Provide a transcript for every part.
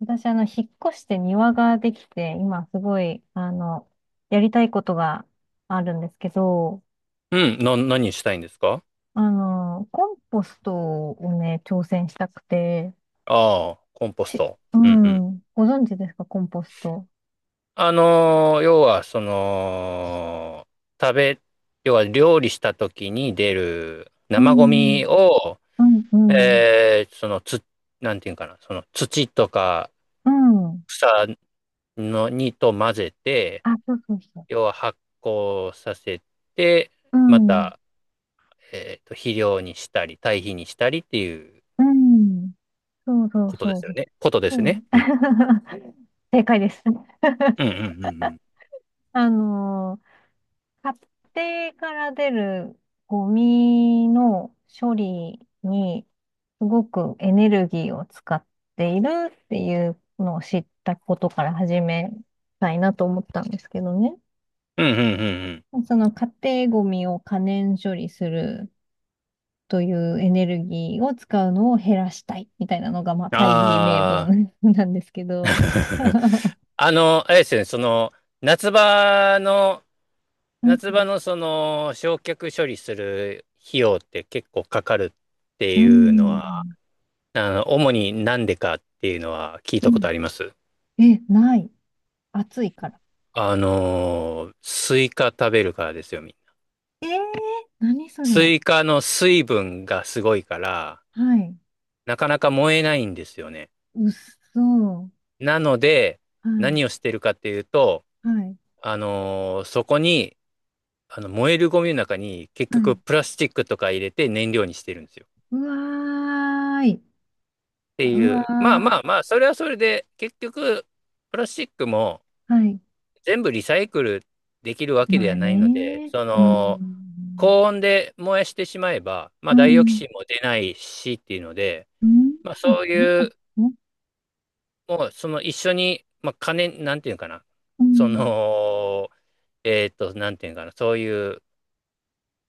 私、引っ越して庭ができて、今すごい、やりたいことがあるんですけど、うん、何したいんですか？コンポストをね、挑戦したくて、ああ、コンポスし、ト。ううんうん。ん、ご存知ですか、コンポスト。要は、その、食べ、要は料理した時に出るう生ゴん、ミを、うん、うん、えーその、つ、なんていうんかな、その土とかうん。草のにと混ぜて、あ、そうそうそ要は発酵させて、う。うまん、た、肥料にしたり、堆肥にしたりっていううん、そうそうことでそすよう。ね。ことですそね。う うん。正解です。うんうんう んうん。あのー家庭から出るゴミの処理にすごくエネルギーを使っているっていうのを知ったことから始めたいなと思ったんですけどね。うんうんうんうん。その家庭ゴミを可燃処理するというエネルギーを使うのを減らしたいみたいなのが、まあ大義名ああ。分 なんですけど。あれですよね、その、夏場の、うん夏場のその、焼却処理する費用って結構かかるってういうのんは、主になんでかっていうのは聞いうたこん。とあります。え、ない。暑いから。スイカ食べるからですよ、みんな。えー、何そスれ。イカの水分がすごいから、はい。なかなか燃えないんですよね。うっそー。なので、はい。何をしてるかっていうと、はい。そこに、あの燃えるゴミの中に結は局い。プラスチックとか入れて燃料にしてるんですよ。っうわーい。てういわう、まあまー。あまあ、それはそれで結局プラスチックもはい。全部リサイクルできるわけでまあはないので、ね、そうのん。高温で燃やしてしまえば、まうあダイオキん。シンも出ないしっていうので、うん。まあそうそういだう、ね。もうその一緒に、まあ金、なんていうのかな、うそん。の、なんていうのかな、そういう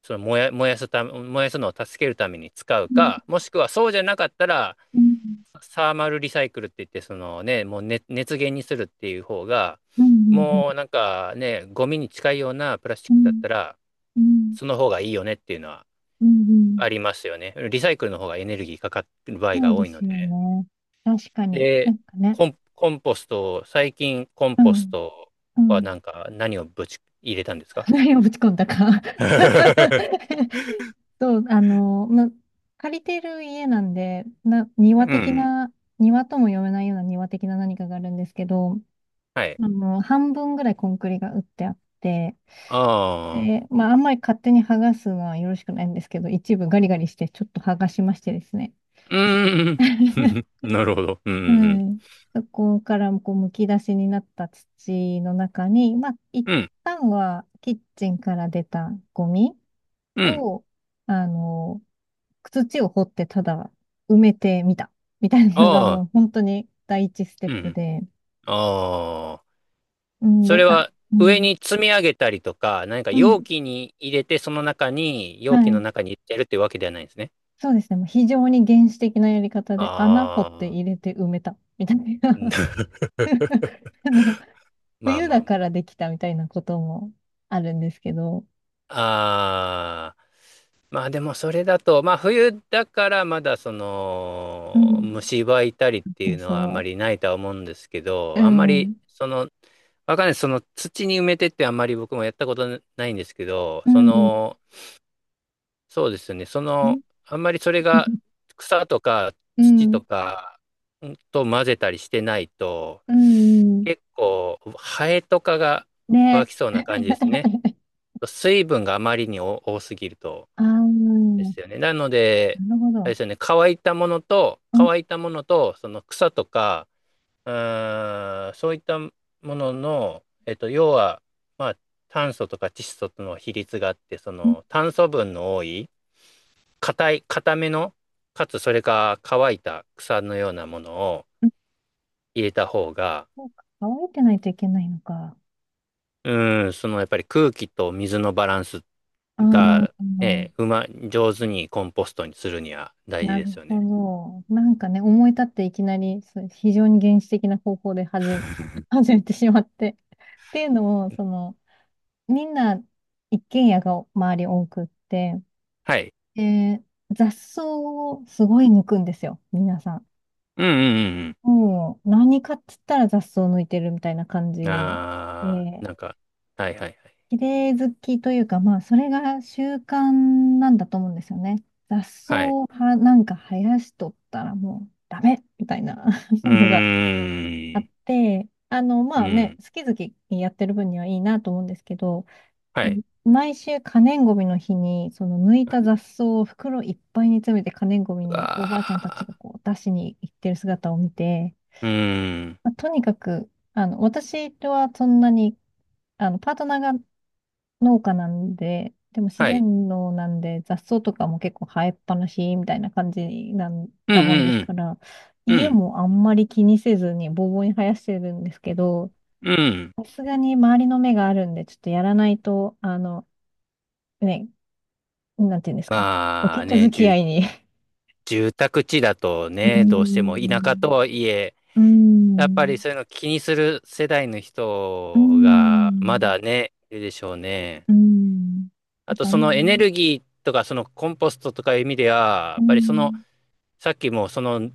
その燃やすのを助けるために使ううん。か、もしくはそうじゃなかったら、うん。サーマルリサイクルって言って、そのね、もう熱源にするっていう方が、うん。もうなんかね、ゴミに近いようなプラスチうックだっん。たら、うん。うん。その方がいいよねっていうのはうん、ありますよね。リサイクルの方がエネルギーかかってる場合そがうで多いのすよで。ね。確かに。なで、んかね。コンポスト、最近コンうポスん。トうはん。なんか何をぶち入れたんですか？ 何をぶち込んだか。そう、借りてる家なんで、う庭的ん。な、庭とも呼べないような庭的な何かがあるんですけど、はい。半分ぐらいコンクリが打ってあって、ああ。で、まあ、あんまり勝手に剥がすのはよろしくないんですけど、一部ガリガリしてちょっと剥がしましてですね。うーん。なるほど。うん、うはん。い。そこからこうむき出しになった土の中に、まあ、一うん、旦はキッチンから出たゴミうん。を、あの、土を掘ってただ埋めてみた。みたいなのがあもあ、う本当に第一ステッうプん。で。ああ。うん、そで、れあ、はう上ん。に積み上げたりとか、何かうん。容器に入れて、その中に、は容器のい。中に入れてるってわけではないんですね。そうですね。もう非常に原始的なやり方で穴掘ってあ入あ。れて埋めた。みたいな。あの、まあ冬まだあかまらできたみたいなこともあるんですけど。あ。ああ。まあでもそれだと、まあ冬だからまだそうの、ん。虫歯いたりっそていううのはあまそりないとは思うんですけう。うど、あんまりん。わかんない。その土に埋めてってあんまり僕もやったことないんですけど、うそん。の、そうですね。その、あんまりそれが草とかう土ん。とかんと混ぜたりしてないと、うん。結構ハエとかが湧ね。きそうな感じですね。水分があまりに多すぎるとああ、でなすよね。なので、るほあれど。ですよね。乾いたものと、うん。乾いたものと、その草とか、うん、そういったものの、要は、まあ、炭素とか窒素との比率があって、その炭素分の多い、硬めの、かつそれが乾いた草のようなものを入れた方が、そうか、乾いてないといけないのか。うん、そのやっぱり空気と水のバランスあが、ね、ー、上手にコンポストにするには大事なでるすよほね。ど。なんかね、思い立っていきなり、そう非常に原始的な方法で始めてしまって。っていうのも、その、みんな一軒家が周り多くって、はい。で、雑草をすごい抜くんですよ、皆さん。うんうんうんうもう、何かっつったら雑草抜いてるみたいな感じん。あで、ーなんか、はいはいはい。綺麗好きというか、まあ、それが習慣なんだと思うんですよね。雑草はい。をはなんか生やしとったらもうダメみたいな うのがあーっん。て、うまあね、ん。好き好きやってる分にはいいなと思うんですけど、はい。毎週可燃ごみの日に、その抜いた雑草を袋いっぱいに詰めて可燃ごみにおばあちゃんたちあがあ、こう出しに行ってる姿を見て、うーん。まあとにかく、私はそんなに、パートナーが農家なんで、でも自はい。然農なんで雑草とかも結構生えっぱなしみたいな感じなんうんだもんですうんから、う家ん。もあんまり気にせずにボーボーに生やしてるんですけど、うん。うん。さすがに周りの目があるんで、ちょっとやらないと、ね、なんていうんですか、ごまあ近所ね、付き合いに、住宅地だとうーね、どうしても田舎とん、はいえ、うーやっぱりん、そういうの気にする世代のうー人がまん、だね、いるでしょうね。うーん、なあんとか、うそのエネルギーとかそのコンポストとかいう意味では、やーっぱりそのん、さっきもその、ね、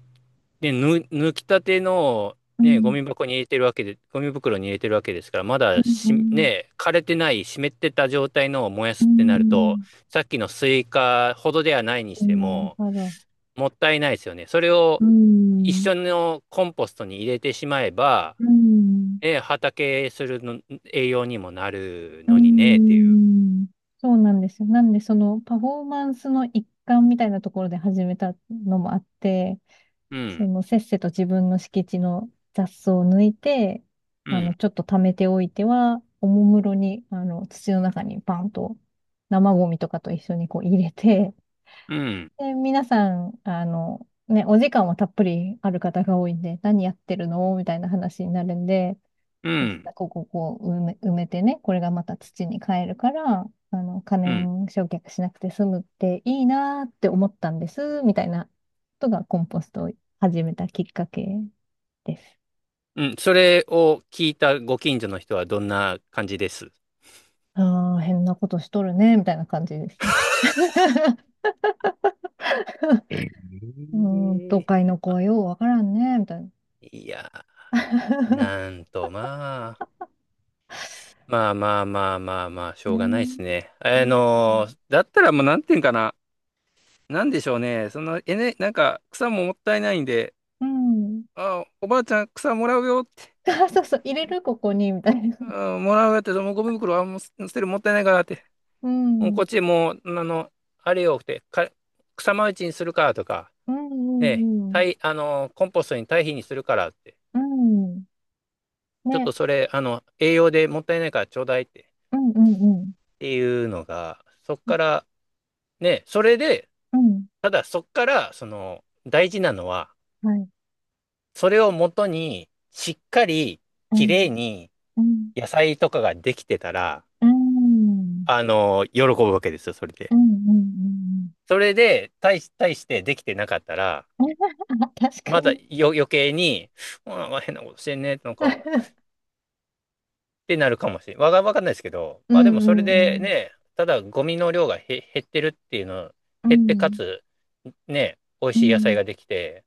ぬ、抜きたての、うーね、ん、ゴミ袋に入れてるわけですから、まうだーし、ん、ね、枯れてない、湿ってた状態のを燃やうーすん、っうてなるーと、ん、さっきのスイカほどではないにしうーてん、なるも、ほど。もったいないですよね。それをう一ん、緒のコンポストに入れてしまえば、うん、ね、畑するの栄養にもなるうのにね、っていう。ん。そうなんですよ。なんで、そのパフォーマンスの一環みたいなところで始めたのもあって、うん、せっせと自分の敷地の雑草を抜いて、うん、ちょっと貯めておいては、おもむろに、土の中にバンと生ゴミとかと一緒にこう入れて、うん、で、皆さん、ね、お時間はたっぷりある方が多いんで、何やってるのみたいな話になるんで、う実はん、ここをこう埋めてね、これがまた土に変えるから、可うん。燃焼却しなくて済むっていいなーって思ったんです、みたいなことがコンポストを始めたきっかけです。うん、それを聞いたご近所の人はどんな感じです？ああ、変なことしとるね、みたいな感じですね。えうーん、都え会の子まはあようわからんね、みたいな。いや、なんと、まあ、まあまあまあまあまあ、しょね、うがないですね。うだったらもうなんていうんかな。なんでしょうね。その、なんか草ももったいないんで、ん。うん。あ、おばあちゃん草もらうよって、あ、そうそう、入れる、ここに、みたいな。あ、もらうよって、もうゴミ袋はもう捨てるもったいないからって、うもうん。こうっちもう、あれよって、か、草マルチにするかとか、んうええ、んうん。堆あの、コンポストに堆肥にするからって、うん。ちょっね、とそれ、栄養でもったいないからちょうだいって、うんうんうん。っていうのが、そっから、ね、それで、うん。ただそっから、その、大事なのは、はい。それをもとに、しっかり、うきれいん。に、うん。野菜とかができてたら、うん。喜ぶわけですよ、それうで。んうんうんそれで、対してできてなかったら、うん。確かまだに。よ、余計に、うん変なことしてんね、なんか、ってなるかもしれないわが、わかんないですけど、うまあんでもそれうでんうん。ね、ただゴミの量が減ってるっていうの、う減ってかん。つ、ね、美味うしい野菜ん。ができて、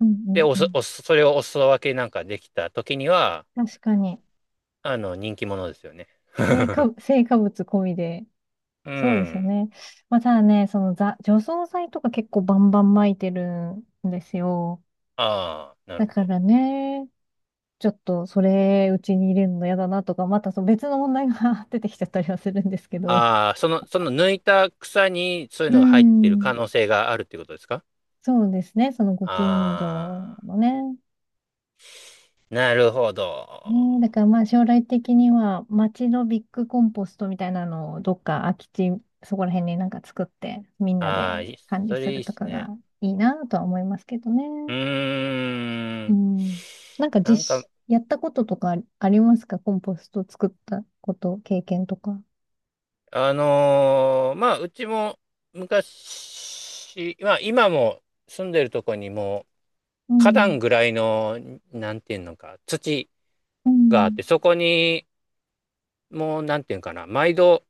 うんうで、んおうす、ん。おす、それをお裾分けなんかできた時には、確かに。人気者ですよね。成果物込みで。うそうですよん。ね。まあ、ただね、除草剤とか結構バンバン撒いてるんですよ。ああ、なだるほかど。らね、ちょっとそれ、うちに入れるの嫌だなとか、またその別の問題が 出てきちゃったりはするんですけど。ああ、その、その抜いた草にそういううのが入ってるん、可能性があるっていうことですか？そうですね。そのご近所ああのね。ー、なるほね、だど。からまあ将来的には町のビッグコンポストみたいなのをどっか空き地、そこら辺になんか作ってみんなあであ、いい管そ理すれいいるっとすかがね。いいなとは思いますけどね。うーうん。ん。なんかなんか、やったこととかありますかコンポスト作ったこと、経験とか。まあ、うちも昔、まあ、今も住んでるとこにも、う花ん。壇ぐらいの、なんていうのか、土うがあっん。て、そこに、もう、なんていうのかな、毎度、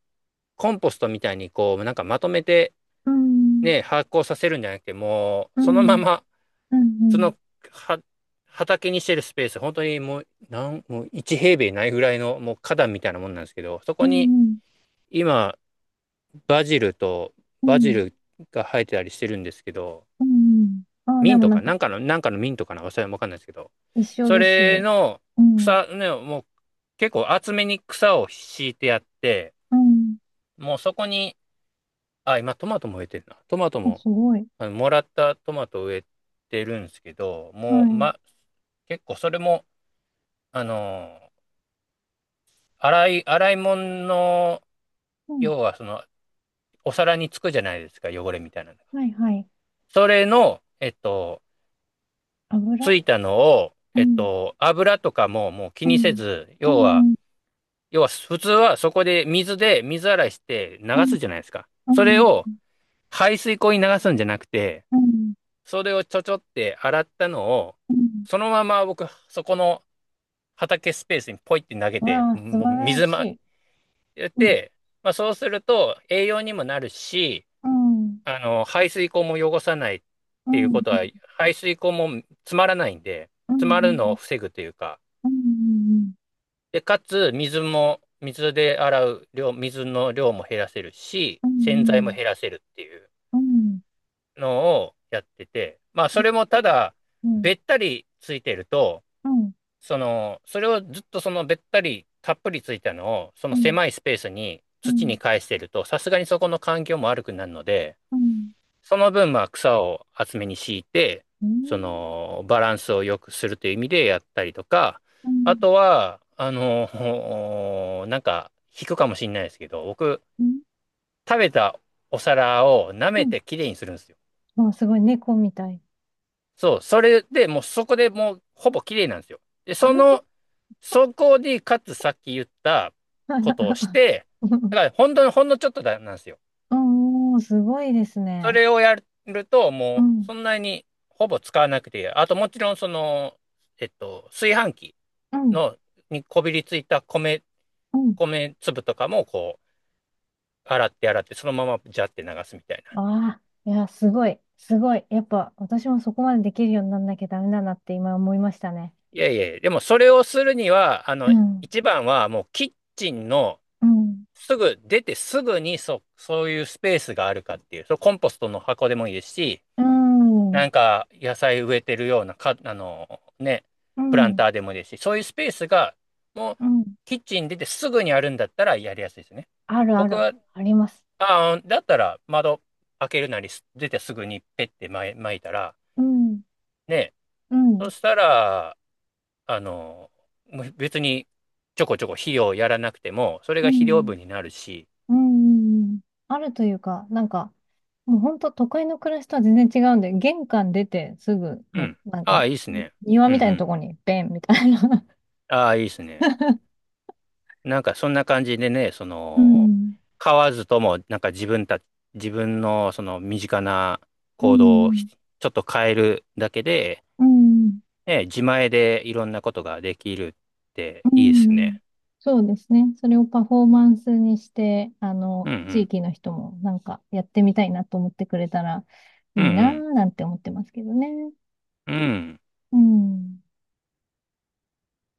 コンポストみたいに、こう、なんかまとめて、うん。ね、発酵させるんじゃなくて、もうう、そのまん。ま、うん。うそん。の、は、畑にしてるスペース、本当にもう、もう1平米ないぐらいの、もう花壇みたいなもんなんですけど、そうこん。に、うん。今、バジルと、うバジん。ルが生えてたりしてるんですけど、うん。ああ、ミでンもトなんか、かなんかのミントかな、それわかんないですけど、一緒そですれよ。のうん。草、ね、もう結構厚めに草を敷いてやって、うん。もうそこに、あ、今トマトも植えてるな。トマトあ、も、すごい。もらったトマトを植えてるんですけど、はもう、い。ま、結構それも、あのー、洗い物の、うん。要はその、お皿につくじゃないですか、汚れみたいなのが。はいはい。それの、つ油。いたのを、うん。油とかももう気うにせん。ず、う要は、ん。普通はそこで水で水洗いしてう流ん。すじゃないですか。うそれん。を排水溝に流すんじゃなくて、うん。それをちょちょって洗ったのを、うん、そのまま僕、そこの畑スペースにポイって投げて、わあ、素もう晴らしい。やっうん。て、まあそうすると栄養にもなるし、うん。排水溝も汚さないっうていうん。ことは、排水溝も詰まらないんで、う詰まるのをん。防ぐというか、うん。で、かつ、水も、水で洗う量、水の量も減らせるし、う洗剤もん。減らせるっていううん。のをやってて、まあ、そびっれもくたり。だ、うん。べったりついてると、うん。その、それをずっとそのべったりたっぷりついたのを、そのうん。狭いスペースにう土ん。に返してると、さすがにそこの環境も悪くなるので、うん。その分、まあ、草を厚めに敷いて、うそん。の、バランスを良くするという意味でやったりとか、うあん。とは、なんか、引くかもしれないですけど、僕、うん。食べたお皿を舐うめん。てきれいにするんですよ。わあ、すごい。猫みたい。そう、それでもうそこでもうほぼきれいなんですよ。で、その、そこで、かつさっき言ったことをし て、だから、ほんのちょっとだ、なんですよ。うん、うん、すごいですそね。れをやると、うもう、ん、そんなにほぼ使わなくていい。あと、もちろん、その、炊飯器うん、の、にこびりついたうん。米粒とかも、こう、洗って洗って、そのままジャって流すみたいな。ああ、いや、すごい、すごい。やっぱ、私もそこまでできるようになんなきゃダメだなって今思いましたね。いやいや、でもそれをするには、うん、一番はもうキッチンのうん、すぐ、出てすぐにそういうスペースがあるかっていう、そのコンポストの箱でもいいですし、うなん、んか野菜植えてるようなか、あのね、うプランん、ターでもいいですし、そういうスペースがもううん。キッチン出てすぐにあるんだったらやりやすいですね。あるあ僕る、は、あります。ああ、だったら窓開けるなりす出てすぐにペッてまい撒いたら、うん、ね、うん、そしたら、あの、もう別にちょこちょこ肥料やらなくても、それうが肥料ん、分になるし、うん。あるというか、なんか、もう本当都会の暮らしとは全然違うんで、玄関出てすぐうの、ん。なんああ、か、いいですね。庭うんみうたいなとこん。に、ベンみたいな。ああ、いいですね。なんかそんな感じでね、そうの、ん買わずとも、なんか自分のその身近なう行動をん、ちょっと変えるだけで、うん、ね、自前でいろんなことができるってういいですん。ね。そうですね。それをパフォーマンスにして、うんう地ん。域の人もなんかやってみたいなと思ってくれたらいういなんぁなんて思ってますけどね。うん。うん。うん。